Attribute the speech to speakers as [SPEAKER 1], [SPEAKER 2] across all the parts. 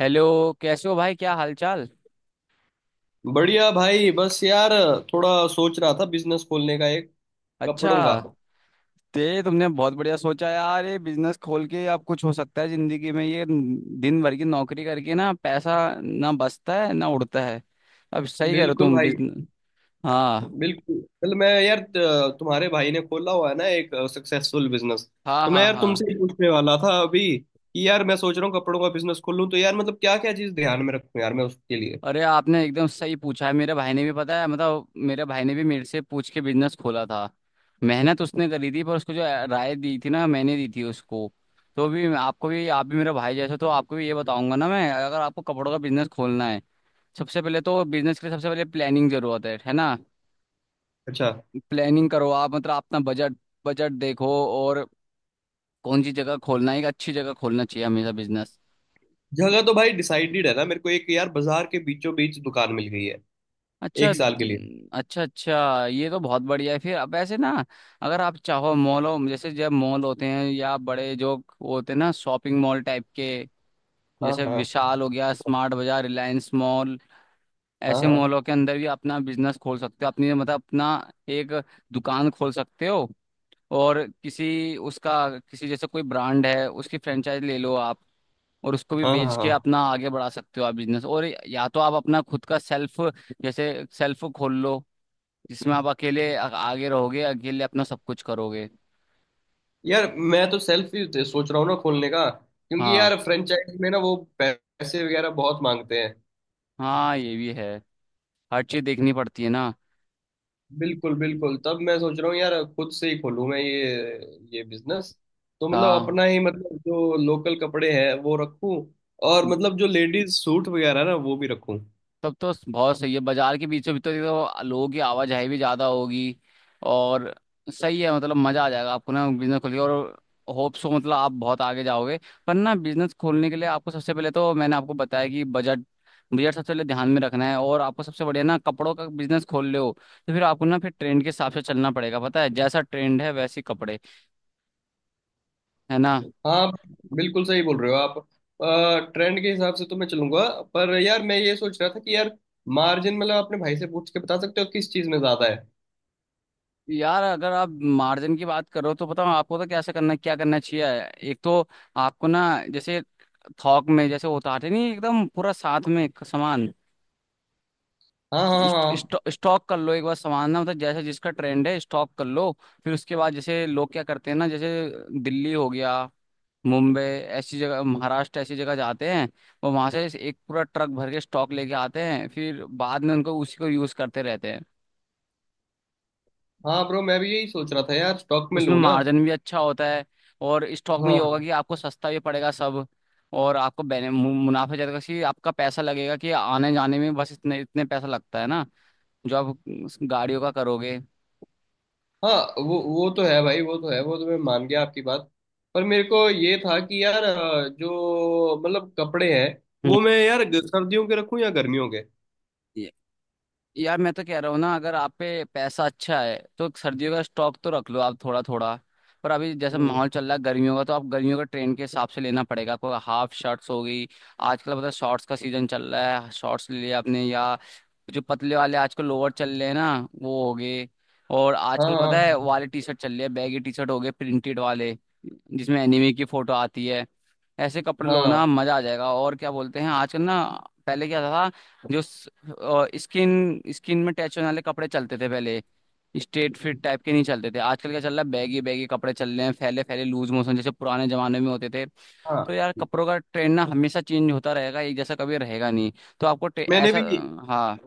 [SPEAKER 1] Hello. कैसे हो भाई, क्या हालचाल।
[SPEAKER 2] बढ़िया भाई, बस यार थोड़ा सोच रहा था बिजनेस खोलने का, एक
[SPEAKER 1] अच्छा,
[SPEAKER 2] कपड़ों का।
[SPEAKER 1] ते तुमने बहुत बढ़िया सोचा यार। ये बिजनेस खोल के आप कुछ हो सकता है जिंदगी में। ये दिन भर की नौकरी करके ना पैसा ना बचता है, ना उड़ता है। अब सही कह रहे हो
[SPEAKER 2] बिल्कुल
[SPEAKER 1] तुम,
[SPEAKER 2] भाई।
[SPEAKER 1] बिजनेस। हाँ
[SPEAKER 2] बिल्कुल, कल मैं यार तुम्हारे भाई ने खोला हुआ है ना एक सक्सेसफुल बिजनेस।
[SPEAKER 1] हाँ
[SPEAKER 2] तो मैं
[SPEAKER 1] हाँ
[SPEAKER 2] यार
[SPEAKER 1] हाँ
[SPEAKER 2] तुमसे ही पूछने वाला था अभी कि यार मैं सोच रहा हूँ कपड़ों का बिजनेस खोलूँ, तो यार मतलब क्या क्या चीज़ ध्यान में रखूँ यार मैं उसके लिए।
[SPEAKER 1] अरे आपने एकदम सही पूछा है। मेरे भाई ने भी, पता है मतलब, मेरे भाई ने भी मेरे से पूछ के बिजनेस खोला था। मेहनत उसने करी थी, पर उसको जो राय दी थी ना, मैंने दी थी उसको। तो भी आपको भी, आप भी मेरा भाई जैसे हो, तो आपको भी ये बताऊंगा ना मैं। अगर आपको कपड़ों का बिजनेस खोलना है, सबसे पहले तो बिजनेस के लिए सबसे पहले प्लानिंग जरूरत है ना।
[SPEAKER 2] अच्छा।
[SPEAKER 1] प्लानिंग करो आप, मतलब अपना बजट, बजट देखो। और कौन सी जगह खोलना है, एक अच्छी जगह खोलना चाहिए हमेशा बिजनेस।
[SPEAKER 2] जगह तो भाई डिसाइडेड है ना मेरे को, एक यार बाजार के बीचों बीच दुकान मिल गई है
[SPEAKER 1] अच्छा
[SPEAKER 2] एक साल के लिए।
[SPEAKER 1] न- अच्छा, अच्छा ये तो बहुत बढ़िया है। फिर अब ऐसे ना, अगर आप चाहो मॉलों जैसे, जब मॉल होते हैं या बड़े जो वो होते हैं ना, शॉपिंग मॉल टाइप के,
[SPEAKER 2] हाँ,
[SPEAKER 1] जैसे
[SPEAKER 2] हाँ,
[SPEAKER 1] विशाल हो गया, स्मार्ट बाजार, रिलायंस मॉल,
[SPEAKER 2] हाँ,
[SPEAKER 1] ऐसे
[SPEAKER 2] हाँ,
[SPEAKER 1] मॉलों के अंदर भी अपना बिजनेस खोल सकते हो। अपनी मतलब अपना एक दुकान खोल सकते हो। और किसी उसका, किसी जैसे कोई ब्रांड है, उसकी फ्रेंचाइज ले लो आप, और उसको भी
[SPEAKER 2] हाँ,
[SPEAKER 1] बेच
[SPEAKER 2] हाँ,
[SPEAKER 1] के
[SPEAKER 2] हाँ।
[SPEAKER 1] अपना आगे बढ़ा सकते हो आप बिजनेस। और या तो आप अपना खुद का सेल्फ, जैसे सेल्फ खोल लो, जिसमें आप अकेले आगे रहोगे, अकेले अपना सब कुछ करोगे।
[SPEAKER 2] यार मैं तो सेल्फ ही सोच रहा हूँ ना खोलने का, क्योंकि
[SPEAKER 1] हाँ,
[SPEAKER 2] यार फ्रेंचाइज में ना वो पैसे वगैरह बहुत मांगते हैं।
[SPEAKER 1] हाँ ये भी है, हर चीज देखनी पड़ती है ना।
[SPEAKER 2] बिल्कुल बिल्कुल, तब मैं सोच रहा हूँ यार खुद से ही खोलूँ मैं ये बिजनेस। तो मतलब
[SPEAKER 1] हाँ,
[SPEAKER 2] अपना ही, मतलब जो लोकल कपड़े हैं वो रखूँ, और मतलब जो लेडीज सूट वगैरह ना वो भी रखूँ।
[SPEAKER 1] तब तो बहुत सही है। बाजार के बीचों बीच तो देखो लोगों की आवाजाही भी ज्यादा होगी। और सही है, मतलब मजा आ जाएगा आपको ना बिजनेस खोल के। और होप सो, मतलब आप बहुत आगे जाओगे। पर ना बिजनेस खोलने के लिए आपको सबसे पहले तो मैंने आपको बताया कि बजट बजट सबसे पहले ध्यान में रखना है। और आपको सबसे बढ़िया ना कपड़ों का बिजनेस खोल रहे हो, तो फिर आपको ना फिर ट्रेंड के हिसाब से चलना पड़ेगा। पता है, जैसा ट्रेंड है वैसे ही कपड़े, है ना।
[SPEAKER 2] हाँ, बिल्कुल सही बोल रहे हो आप, ट्रेंड के हिसाब से तो मैं चलूंगा। पर यार मैं ये सोच रहा था कि यार मार्जिन, मतलब अपने भाई से पूछ के बता सकते हो किस चीज़ में ज़्यादा है।
[SPEAKER 1] यार अगर आप मार्जिन की बात करो, तो बताओ आपको तो कैसे करना, क्या करना चाहिए। एक तो आपको ना, जैसे थोक में जैसे उतारते नहीं एकदम पूरा साथ में एक सामान,
[SPEAKER 2] हाँ, हाँ, हाँ।
[SPEAKER 1] स्टॉक कर लो एक बार सामान ना, मतलब जैसे जिसका ट्रेंड है स्टॉक कर लो। फिर उसके बाद जैसे लोग क्या करते हैं ना, जैसे दिल्ली हो गया, मुंबई ऐसी जगह, महाराष्ट्र ऐसी जगह जाते हैं, और वहां से एक पूरा ट्रक भर के स्टॉक लेके आते हैं, फिर बाद में उनको, उसी को यूज करते रहते हैं।
[SPEAKER 2] हाँ ब्रो, मैं भी यही सोच रहा था यार, स्टॉक में
[SPEAKER 1] उसमें
[SPEAKER 2] लूँ ना।
[SPEAKER 1] मार्जिन भी अच्छा होता है। और स्टॉक में ये होगा कि
[SPEAKER 2] हाँ।
[SPEAKER 1] आपको सस्ता भी पड़ेगा सब। और आपको मुनाफा ज्यादा, कि आपका पैसा लगेगा, कि आने जाने में बस इतने इतने पैसा लगता है ना, जो आप उस गाड़ियों का करोगे।
[SPEAKER 2] हाँ, वो तो है भाई, वो तो है, वो तो मैं मान गया आपकी बात। पर मेरे को ये था कि यार, जो मतलब कपड़े हैं
[SPEAKER 1] हम्म।
[SPEAKER 2] वो मैं यार सर्दियों के रखूँ या गर्मियों के।
[SPEAKER 1] ये- यार मैं तो कह रहा हूँ ना, अगर आप पे पैसा अच्छा है तो सर्दियों का स्टॉक तो रख लो आप थोड़ा थोड़ा। पर अभी जैसे
[SPEAKER 2] हम्म।
[SPEAKER 1] माहौल चल रहा है गर्मियों का, तो आप गर्मियों का ट्रेंड के हिसाब से लेना पड़ेगा आपको। हाफ शर्ट्स हो गई, आजकल पता है शॉर्ट्स का सीजन चल रहा है, शॉर्ट्स ले लिया आपने, या जो पतले वाले आजकल लोअर चल रहे हैं ना, वो हो गए। और आजकल पता है
[SPEAKER 2] हाँ,
[SPEAKER 1] वाले टी शर्ट चल रहे हैं, बैगी टी शर्ट हो गए, प्रिंटेड वाले, जिसमें एनिमे की फोटो आती है, ऐसे कपड़े लो ना,
[SPEAKER 2] हाँ,
[SPEAKER 1] मजा आ जाएगा। और क्या बोलते हैं आजकल ना, पहले क्या था, जो स्किन स्किन में टैच होने वाले कपड़े चलते थे पहले, स्ट्रेट फिट टाइप के, नहीं चलते थे। आजकल क्या चल रहा है, बैगी बैगी कपड़े चल रहे हैं, फैले फैले, लूज मोशन जैसे पुराने जमाने में होते थे। तो
[SPEAKER 2] हाँ,
[SPEAKER 1] यार कपड़ों का ट्रेंड ना हमेशा चेंज होता रहेगा, एक जैसा कभी रहेगा नहीं। तो आपको
[SPEAKER 2] मैंने
[SPEAKER 1] ऐसा,
[SPEAKER 2] भी
[SPEAKER 1] हाँ।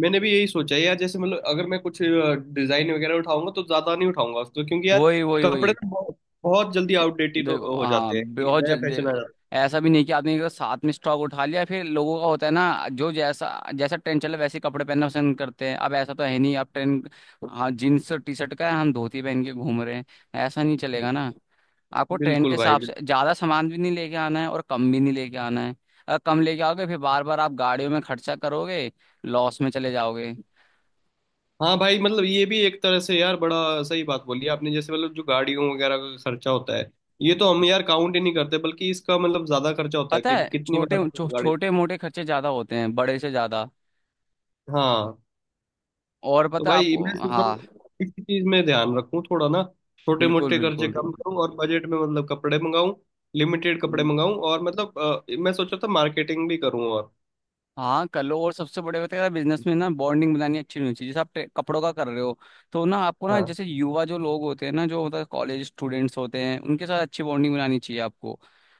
[SPEAKER 2] मैंने भी यही सोचा है यार, जैसे मतलब अगर मैं कुछ डिजाइन वगैरह उठाऊंगा तो ज्यादा नहीं उठाऊंगा उसको, क्योंकि यार
[SPEAKER 1] वही वही
[SPEAKER 2] कपड़े
[SPEAKER 1] वही
[SPEAKER 2] तो बहुत, बहुत जल्दी आउटडेटेड हो
[SPEAKER 1] देखो
[SPEAKER 2] हो
[SPEAKER 1] हाँ,
[SPEAKER 2] जाते हैं,
[SPEAKER 1] बहुत
[SPEAKER 2] नया
[SPEAKER 1] जल्दी।
[SPEAKER 2] फैशन आ जाता
[SPEAKER 1] ऐसा भी नहीं कि आदमी का साथ में स्टॉक उठा लिया, फिर लोगों का होता है ना, जो जैसा, जैसा ट्रेंड चला वैसे कपड़े पहनना पसंद करते हैं। अब ऐसा तो है नहीं, अब ट्रेंड हाँ जीन्स और टी शर्ट का है, हम धोती पहन के घूम रहे हैं, ऐसा नहीं चलेगा ना। आपको
[SPEAKER 2] है।
[SPEAKER 1] ट्रेंड के
[SPEAKER 2] बिल्कुल भाई।
[SPEAKER 1] हिसाब से ज्यादा सामान भी नहीं लेके आना है, और कम भी नहीं लेके आना है। अगर कम लेके आओगे, फिर बार बार आप गाड़ियों में खर्चा करोगे, लॉस में चले जाओगे।
[SPEAKER 2] हाँ भाई, मतलब ये भी एक तरह से यार बड़ा सही बात बोली आपने, जैसे मतलब जो गाड़ियों वगैरह का खर्चा होता है ये तो हम यार काउंट ही नहीं करते, बल्कि इसका मतलब ज्यादा खर्चा होता है
[SPEAKER 1] पता
[SPEAKER 2] कि
[SPEAKER 1] है,
[SPEAKER 2] कितनी बार आपको गाड़ी।
[SPEAKER 1] छोटे मोटे खर्चे ज्यादा होते हैं बड़े से ज्यादा।
[SPEAKER 2] हाँ,
[SPEAKER 1] और
[SPEAKER 2] तो
[SPEAKER 1] पता है
[SPEAKER 2] भाई
[SPEAKER 1] आपको,
[SPEAKER 2] मैं सोच रहा
[SPEAKER 1] हाँ,
[SPEAKER 2] हूँ इसी चीज में ध्यान रखूँ थोड़ा ना, छोटे
[SPEAKER 1] बिल्कुल
[SPEAKER 2] मोटे खर्चे
[SPEAKER 1] बिल्कुल।
[SPEAKER 2] कम करूँ और बजट में मतलब कपड़े मंगाऊँ, लिमिटेड कपड़े
[SPEAKER 1] हम्म,
[SPEAKER 2] मंगाऊँ। और मतलब मैं सोचा था मार्केटिंग भी करूँ और।
[SPEAKER 1] हाँ कर लो। और सबसे बड़े बात है बिजनेस में ना, बॉन्डिंग बनानी अच्छी होनी चाहिए। जैसे आप कपड़ों का कर रहे हो, तो ना आपको ना
[SPEAKER 2] हाँ,
[SPEAKER 1] जैसे युवा जो लोग होते हैं ना, जो मतलब कॉलेज स्टूडेंट्स होते हैं, उनके साथ अच्छी बॉन्डिंग बनानी चाहिए आपको,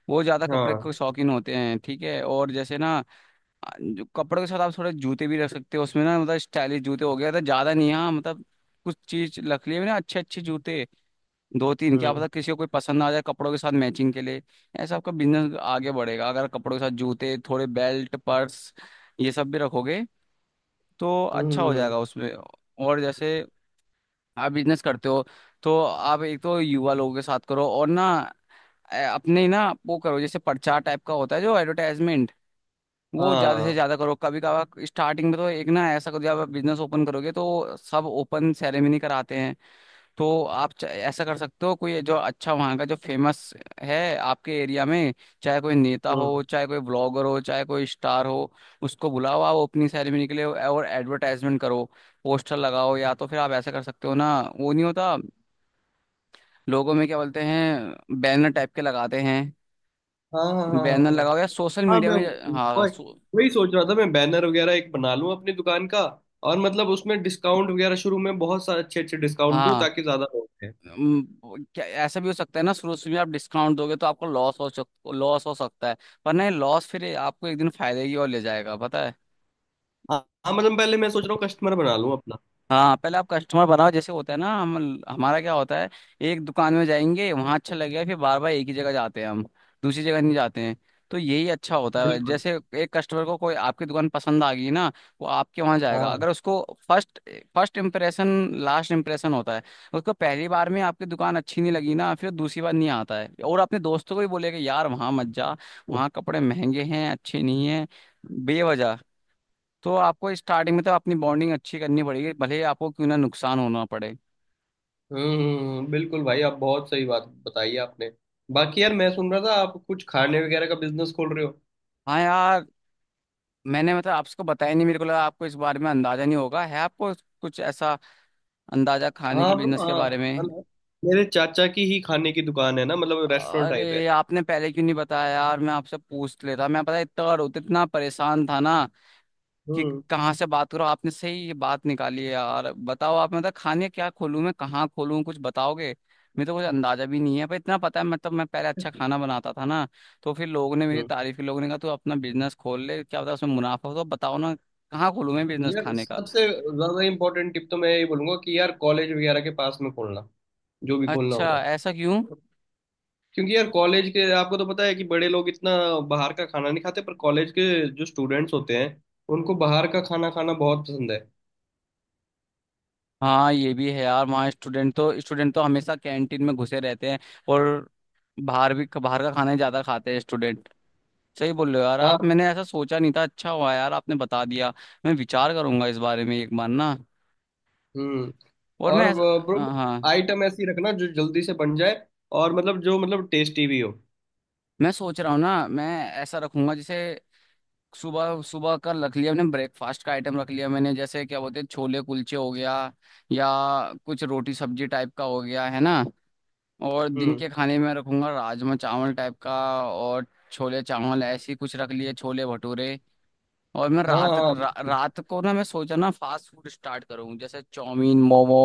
[SPEAKER 1] वो ज्यादा कपड़े के
[SPEAKER 2] हाँ।
[SPEAKER 1] शौकीन होते हैं। ठीक है। और जैसे ना, जो कपड़ों के साथ आप थोड़े जूते भी रख सकते हो उसमें ना, मतलब स्टाइलिश जूते हो गया, तो ज्यादा नहीं हाँ, मतलब कुछ चीज रख लिए ना अच्छे अच्छे जूते, दो तीन, क्या पता
[SPEAKER 2] हम्म,
[SPEAKER 1] किसी को कोई पसंद आ जाए कपड़ों के साथ मैचिंग के लिए। ऐसा आपका बिजनेस आगे बढ़ेगा, अगर कपड़ों के साथ जूते, थोड़े बेल्ट, पर्स, ये सब भी रखोगे तो
[SPEAKER 2] हम्म,
[SPEAKER 1] अच्छा हो जाएगा उसमें। और जैसे आप बिजनेस करते हो, तो आप एक तो युवा लोगों के साथ करो, और ना अपने ना वो करो जैसे पर्चा टाइप का होता है, जो एडवर्टाइजमेंट, वो ज्यादा से
[SPEAKER 2] हाँ।
[SPEAKER 1] ज्यादा करो। कभी कभार स्टार्टिंग में तो एक ना ऐसा करो, जब आप बिजनेस ओपन करोगे तो सब ओपन सेरेमनी कराते हैं, तो आप ऐसा कर सकते हो। कोई जो अच्छा वहाँ का जो फेमस है आपके एरिया में, चाहे कोई नेता
[SPEAKER 2] हम्म।
[SPEAKER 1] हो, चाहे कोई ब्लॉगर हो, चाहे कोई स्टार हो, उसको बुलाओ आप ओपनिंग सेरेमनी के लिए, और एडवर्टाइजमेंट करो, पोस्टर लगाओ। या तो फिर आप ऐसा कर सकते हो ना, वो नहीं होता लोगों में क्या बोलते हैं, बैनर टाइप के लगाते हैं,
[SPEAKER 2] हाँ, हाँ, हाँ,
[SPEAKER 1] बैनर
[SPEAKER 2] हाँ, हाँ।
[SPEAKER 1] लगाओ, या सोशल
[SPEAKER 2] हाँ
[SPEAKER 1] मीडिया
[SPEAKER 2] मैं
[SPEAKER 1] में। हाँ,
[SPEAKER 2] वही वही सोच रहा था, मैं बैनर वगैरह एक बना लूं अपनी दुकान का, और मतलब उसमें डिस्काउंट वगैरह शुरू में बहुत सारे अच्छे अच्छे डिस्काउंट दूं
[SPEAKER 1] हाँ।
[SPEAKER 2] ताकि ज्यादा लोग आएं।
[SPEAKER 1] अम, क्या ऐसा भी हो सकता है ना, शुरू शुरू में आप डिस्काउंट दोगे तो आपको लॉस हो सकता है। पर नहीं, लॉस फिर आपको एक दिन फायदे की ओर ले जाएगा, पता है।
[SPEAKER 2] हाँ, हाँ, मतलब पहले मैं सोच रहा हूँ कस्टमर बना लूं अपना।
[SPEAKER 1] हाँ, पहले आप कस्टमर बनाओ। जैसे होता है ना, हम हमारा क्या होता है, एक दुकान में जाएंगे, वहाँ अच्छा लगेगा, फिर बार बार एक ही जगह जाते हैं हम, दूसरी जगह नहीं जाते हैं। तो यही अच्छा होता है।
[SPEAKER 2] बिल्कुल।
[SPEAKER 1] जैसे एक कस्टमर को कोई आपकी दुकान पसंद आ गई ना, वो आपके वहाँ जाएगा।
[SPEAKER 2] हाँ।
[SPEAKER 1] अगर उसको first first impression last impression होता है, उसको पहली बार में आपकी दुकान अच्छी नहीं लगी ना, फिर दूसरी बार नहीं आता है, और अपने दोस्तों को भी बोलेगा यार वहाँ मत जा, वहाँ कपड़े महंगे हैं, अच्छे नहीं हैं, बेवजह। तो आपको स्टार्टिंग में तो अपनी बॉन्डिंग अच्छी करनी पड़ेगी, भले ही आपको क्यों ना नुकसान होना पड़े।
[SPEAKER 2] हम्म, बिल्कुल भाई, आप बहुत सही बात बताई आपने। बाकी यार मैं सुन रहा था आप कुछ खाने वगैरह का बिजनेस खोल रहे हो।
[SPEAKER 1] हाँ यार। मैंने मतलब आपको बताया नहीं, मेरे को लगा आपको इस बारे में अंदाजा नहीं होगा, है आपको कुछ ऐसा अंदाजा खाने के
[SPEAKER 2] हाँ bro,
[SPEAKER 1] बिजनेस के बारे
[SPEAKER 2] हाँ
[SPEAKER 1] में।
[SPEAKER 2] मतलब मेरे चाचा की ही खाने की दुकान है ना, मतलब रेस्टोरेंट टाइप है।
[SPEAKER 1] अरे आपने पहले क्यों नहीं बताया यार, मैं आपसे पूछ लेता। मैं पता है इतना इतना परेशान था ना कि
[SPEAKER 2] हम्म।
[SPEAKER 1] कहाँ से बात करो। आपने सही ये बात निकाली है यार। बताओ आप, मतलब खाने, क्या खोलूँ मैं, कहाँ खोलूँ, कुछ बताओगे। मेरे तो कुछ अंदाजा भी नहीं है, पर इतना पता है, मतलब मैं पहले अच्छा खाना बनाता था ना, तो फिर लोगों ने मेरी
[SPEAKER 2] हम्म।
[SPEAKER 1] तारीफ की, लोगों ने कहा तू अपना बिजनेस खोल ले, क्या पता उसमें मुनाफा हो। तो बताओ ना, कहाँ खोलूँ मैं बिजनेस
[SPEAKER 2] यार
[SPEAKER 1] खाने का।
[SPEAKER 2] सबसे ज्यादा इम्पोर्टेंट टिप तो मैं यही बोलूंगा कि यार कॉलेज वगैरह के पास में खोलना, जो भी खोलना
[SPEAKER 1] अच्छा,
[SPEAKER 2] होगा।
[SPEAKER 1] ऐसा क्यों।
[SPEAKER 2] क्योंकि यार कॉलेज के आपको तो पता है कि बड़े लोग इतना बाहर का खाना नहीं खाते, पर कॉलेज के जो स्टूडेंट्स होते हैं उनको बाहर का खाना खाना बहुत पसंद है।
[SPEAKER 1] हाँ, ये भी है यार, वहाँ स्टूडेंट तो, स्टूडेंट तो हमेशा कैंटीन में घुसे रहते हैं, और बाहर भी, बाहर का खाना ही ज्यादा खाते हैं स्टूडेंट। सही बोल रहे हो यार आप,
[SPEAKER 2] हाँ।
[SPEAKER 1] मैंने ऐसा सोचा नहीं था, अच्छा हुआ यार आपने बता दिया। मैं विचार करूंगा इस बारे में एक बार ना।
[SPEAKER 2] हम्म।
[SPEAKER 1] और मैं
[SPEAKER 2] और
[SPEAKER 1] ऐसा,
[SPEAKER 2] ब्रो,
[SPEAKER 1] हाँ, हाँ,
[SPEAKER 2] आइटम ऐसी रखना जो जल्दी से बन जाए, और मतलब जो मतलब टेस्टी भी हो।
[SPEAKER 1] मैं सोच रहा हूँ ना। मैं ऐसा रखूंगा जैसे, सुबह सुबह का रख लिया मैंने, ब्रेकफास्ट का आइटम रख लिया मैंने, जैसे क्या बोलते हैं, छोले कुलचे हो गया, या कुछ रोटी सब्जी टाइप का हो गया, है ना। और दिन
[SPEAKER 2] हम्म।
[SPEAKER 1] के खाने में रखूंगा राजमा चावल टाइप का, और छोले चावल, ऐसी कुछ रख लिए, छोले भटूरे। और मैं
[SPEAKER 2] हाँ, हाँ।
[SPEAKER 1] रात को ना मैं सोचा ना फास्ट फूड स्टार्ट करूँ, जैसे chow mein, momo,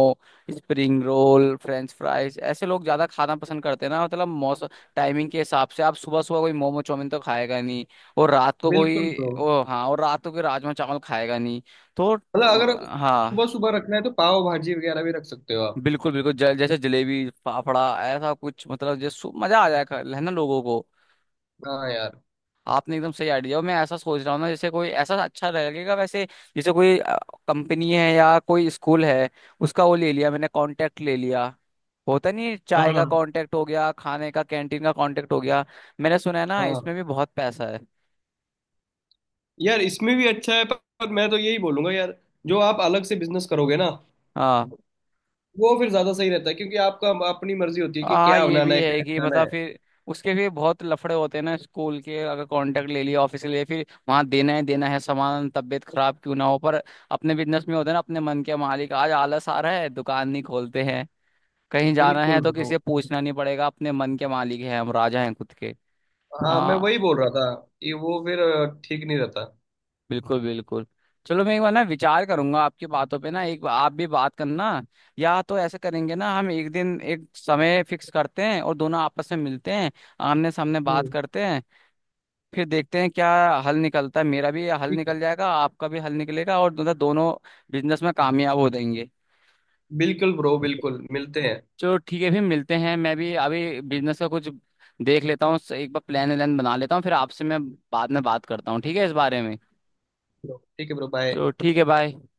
[SPEAKER 1] spring roll, French fries, ऐसे लोग ज्यादा खाना पसंद करते हैं ना। मतलब मौसम, टाइमिंग के हिसाब से, आप सुबह सुबह कोई मोमो चाउमीन तो खाएगा नहीं, और रात को
[SPEAKER 2] बिल्कुल
[SPEAKER 1] कोई,
[SPEAKER 2] ब्रो,
[SPEAKER 1] ओ हाँ, और रात को कोई राजमा चावल खाएगा नहीं। तो
[SPEAKER 2] मतलब अगर
[SPEAKER 1] हाँ,
[SPEAKER 2] सुबह सुबह रखना है तो पाव भाजी वगैरह भी रख सकते हो आप।
[SPEAKER 1] बिल्कुल बिल्कुल। जैसे जलेबी फाफड़ा ऐसा कुछ, मतलब जैसे मजा आ जाएगा है ना लोगों को।
[SPEAKER 2] हाँ यार।
[SPEAKER 1] आपने एकदम सही आइडिया, मैं ऐसा सोच रहा हूँ ना, जैसे कोई ऐसा अच्छा लगेगा वैसे, जैसे कोई कंपनी है या कोई स्कूल है, उसका वो ले लिया मैंने, कांटेक्ट ले लिया, होता नहीं है,
[SPEAKER 2] हाँ,
[SPEAKER 1] चाय
[SPEAKER 2] हाँ,
[SPEAKER 1] का कांटेक्ट हो गया, खाने का कैंटीन का कांटेक्ट हो गया, मैंने सुना है ना
[SPEAKER 2] हाँ।
[SPEAKER 1] इसमें भी बहुत पैसा है।
[SPEAKER 2] यार इसमें भी अच्छा है, पर मैं तो यही बोलूंगा यार, जो आप अलग से बिजनेस करोगे ना
[SPEAKER 1] हाँ,
[SPEAKER 2] वो फिर ज्यादा सही रहता है, क्योंकि आपका अपनी मर्जी होती है कि
[SPEAKER 1] हाँ
[SPEAKER 2] क्या
[SPEAKER 1] ये
[SPEAKER 2] बनाना
[SPEAKER 1] भी
[SPEAKER 2] है
[SPEAKER 1] है
[SPEAKER 2] क्या
[SPEAKER 1] कि
[SPEAKER 2] खाना
[SPEAKER 1] मतलब
[SPEAKER 2] है।
[SPEAKER 1] फिर उसके भी बहुत लफड़े होते हैं ना, स्कूल के अगर कांटेक्ट ले लिया, ऑफिस ले लिया, फिर वहाँ देना है, देना है सामान, तबीयत खराब क्यों ना हो। पर अपने बिजनेस में होते हैं ना अपने मन के मालिक, आज आलस आ रहा है दुकान नहीं खोलते हैं, कहीं जाना है
[SPEAKER 2] बिल्कुल
[SPEAKER 1] तो किसी
[SPEAKER 2] ब्रो।
[SPEAKER 1] से पूछना नहीं पड़ेगा, अपने मन के मालिक हैं, हम राजा हैं खुद के।
[SPEAKER 2] हाँ मैं
[SPEAKER 1] हाँ,
[SPEAKER 2] वही बोल रहा था कि वो फिर ठीक नहीं रहता।
[SPEAKER 1] बिल्कुल बिल्कुल। चलो मैं एक बार ना विचार करूंगा आपकी बातों पे ना, एक बार आप भी बात करना। या तो ऐसे करेंगे ना हम, एक दिन एक समय फिक्स करते हैं और दोनों आपस में मिलते हैं, आमने सामने बात
[SPEAKER 2] हम्म।
[SPEAKER 1] करते हैं, फिर देखते हैं क्या हल निकलता है। मेरा भी हल
[SPEAKER 2] ठीक है।
[SPEAKER 1] निकल जाएगा, आपका भी हल निकलेगा, और दोनों दोनों बिजनेस में कामयाब हो जाएंगे।
[SPEAKER 2] बिल्कुल ब्रो, बिल्कुल, मिलते हैं।
[SPEAKER 1] चलो ठीक है, फिर मिलते हैं। मैं भी अभी बिजनेस का कुछ देख लेता हूँ एक बार, प्लान व्लान बना लेता हूँ, फिर आपसे मैं बाद में बात करता हूँ, ठीक है, इस बारे में।
[SPEAKER 2] ठीक है ब्रो, बाय।
[SPEAKER 1] चलो ठीक है, बाय।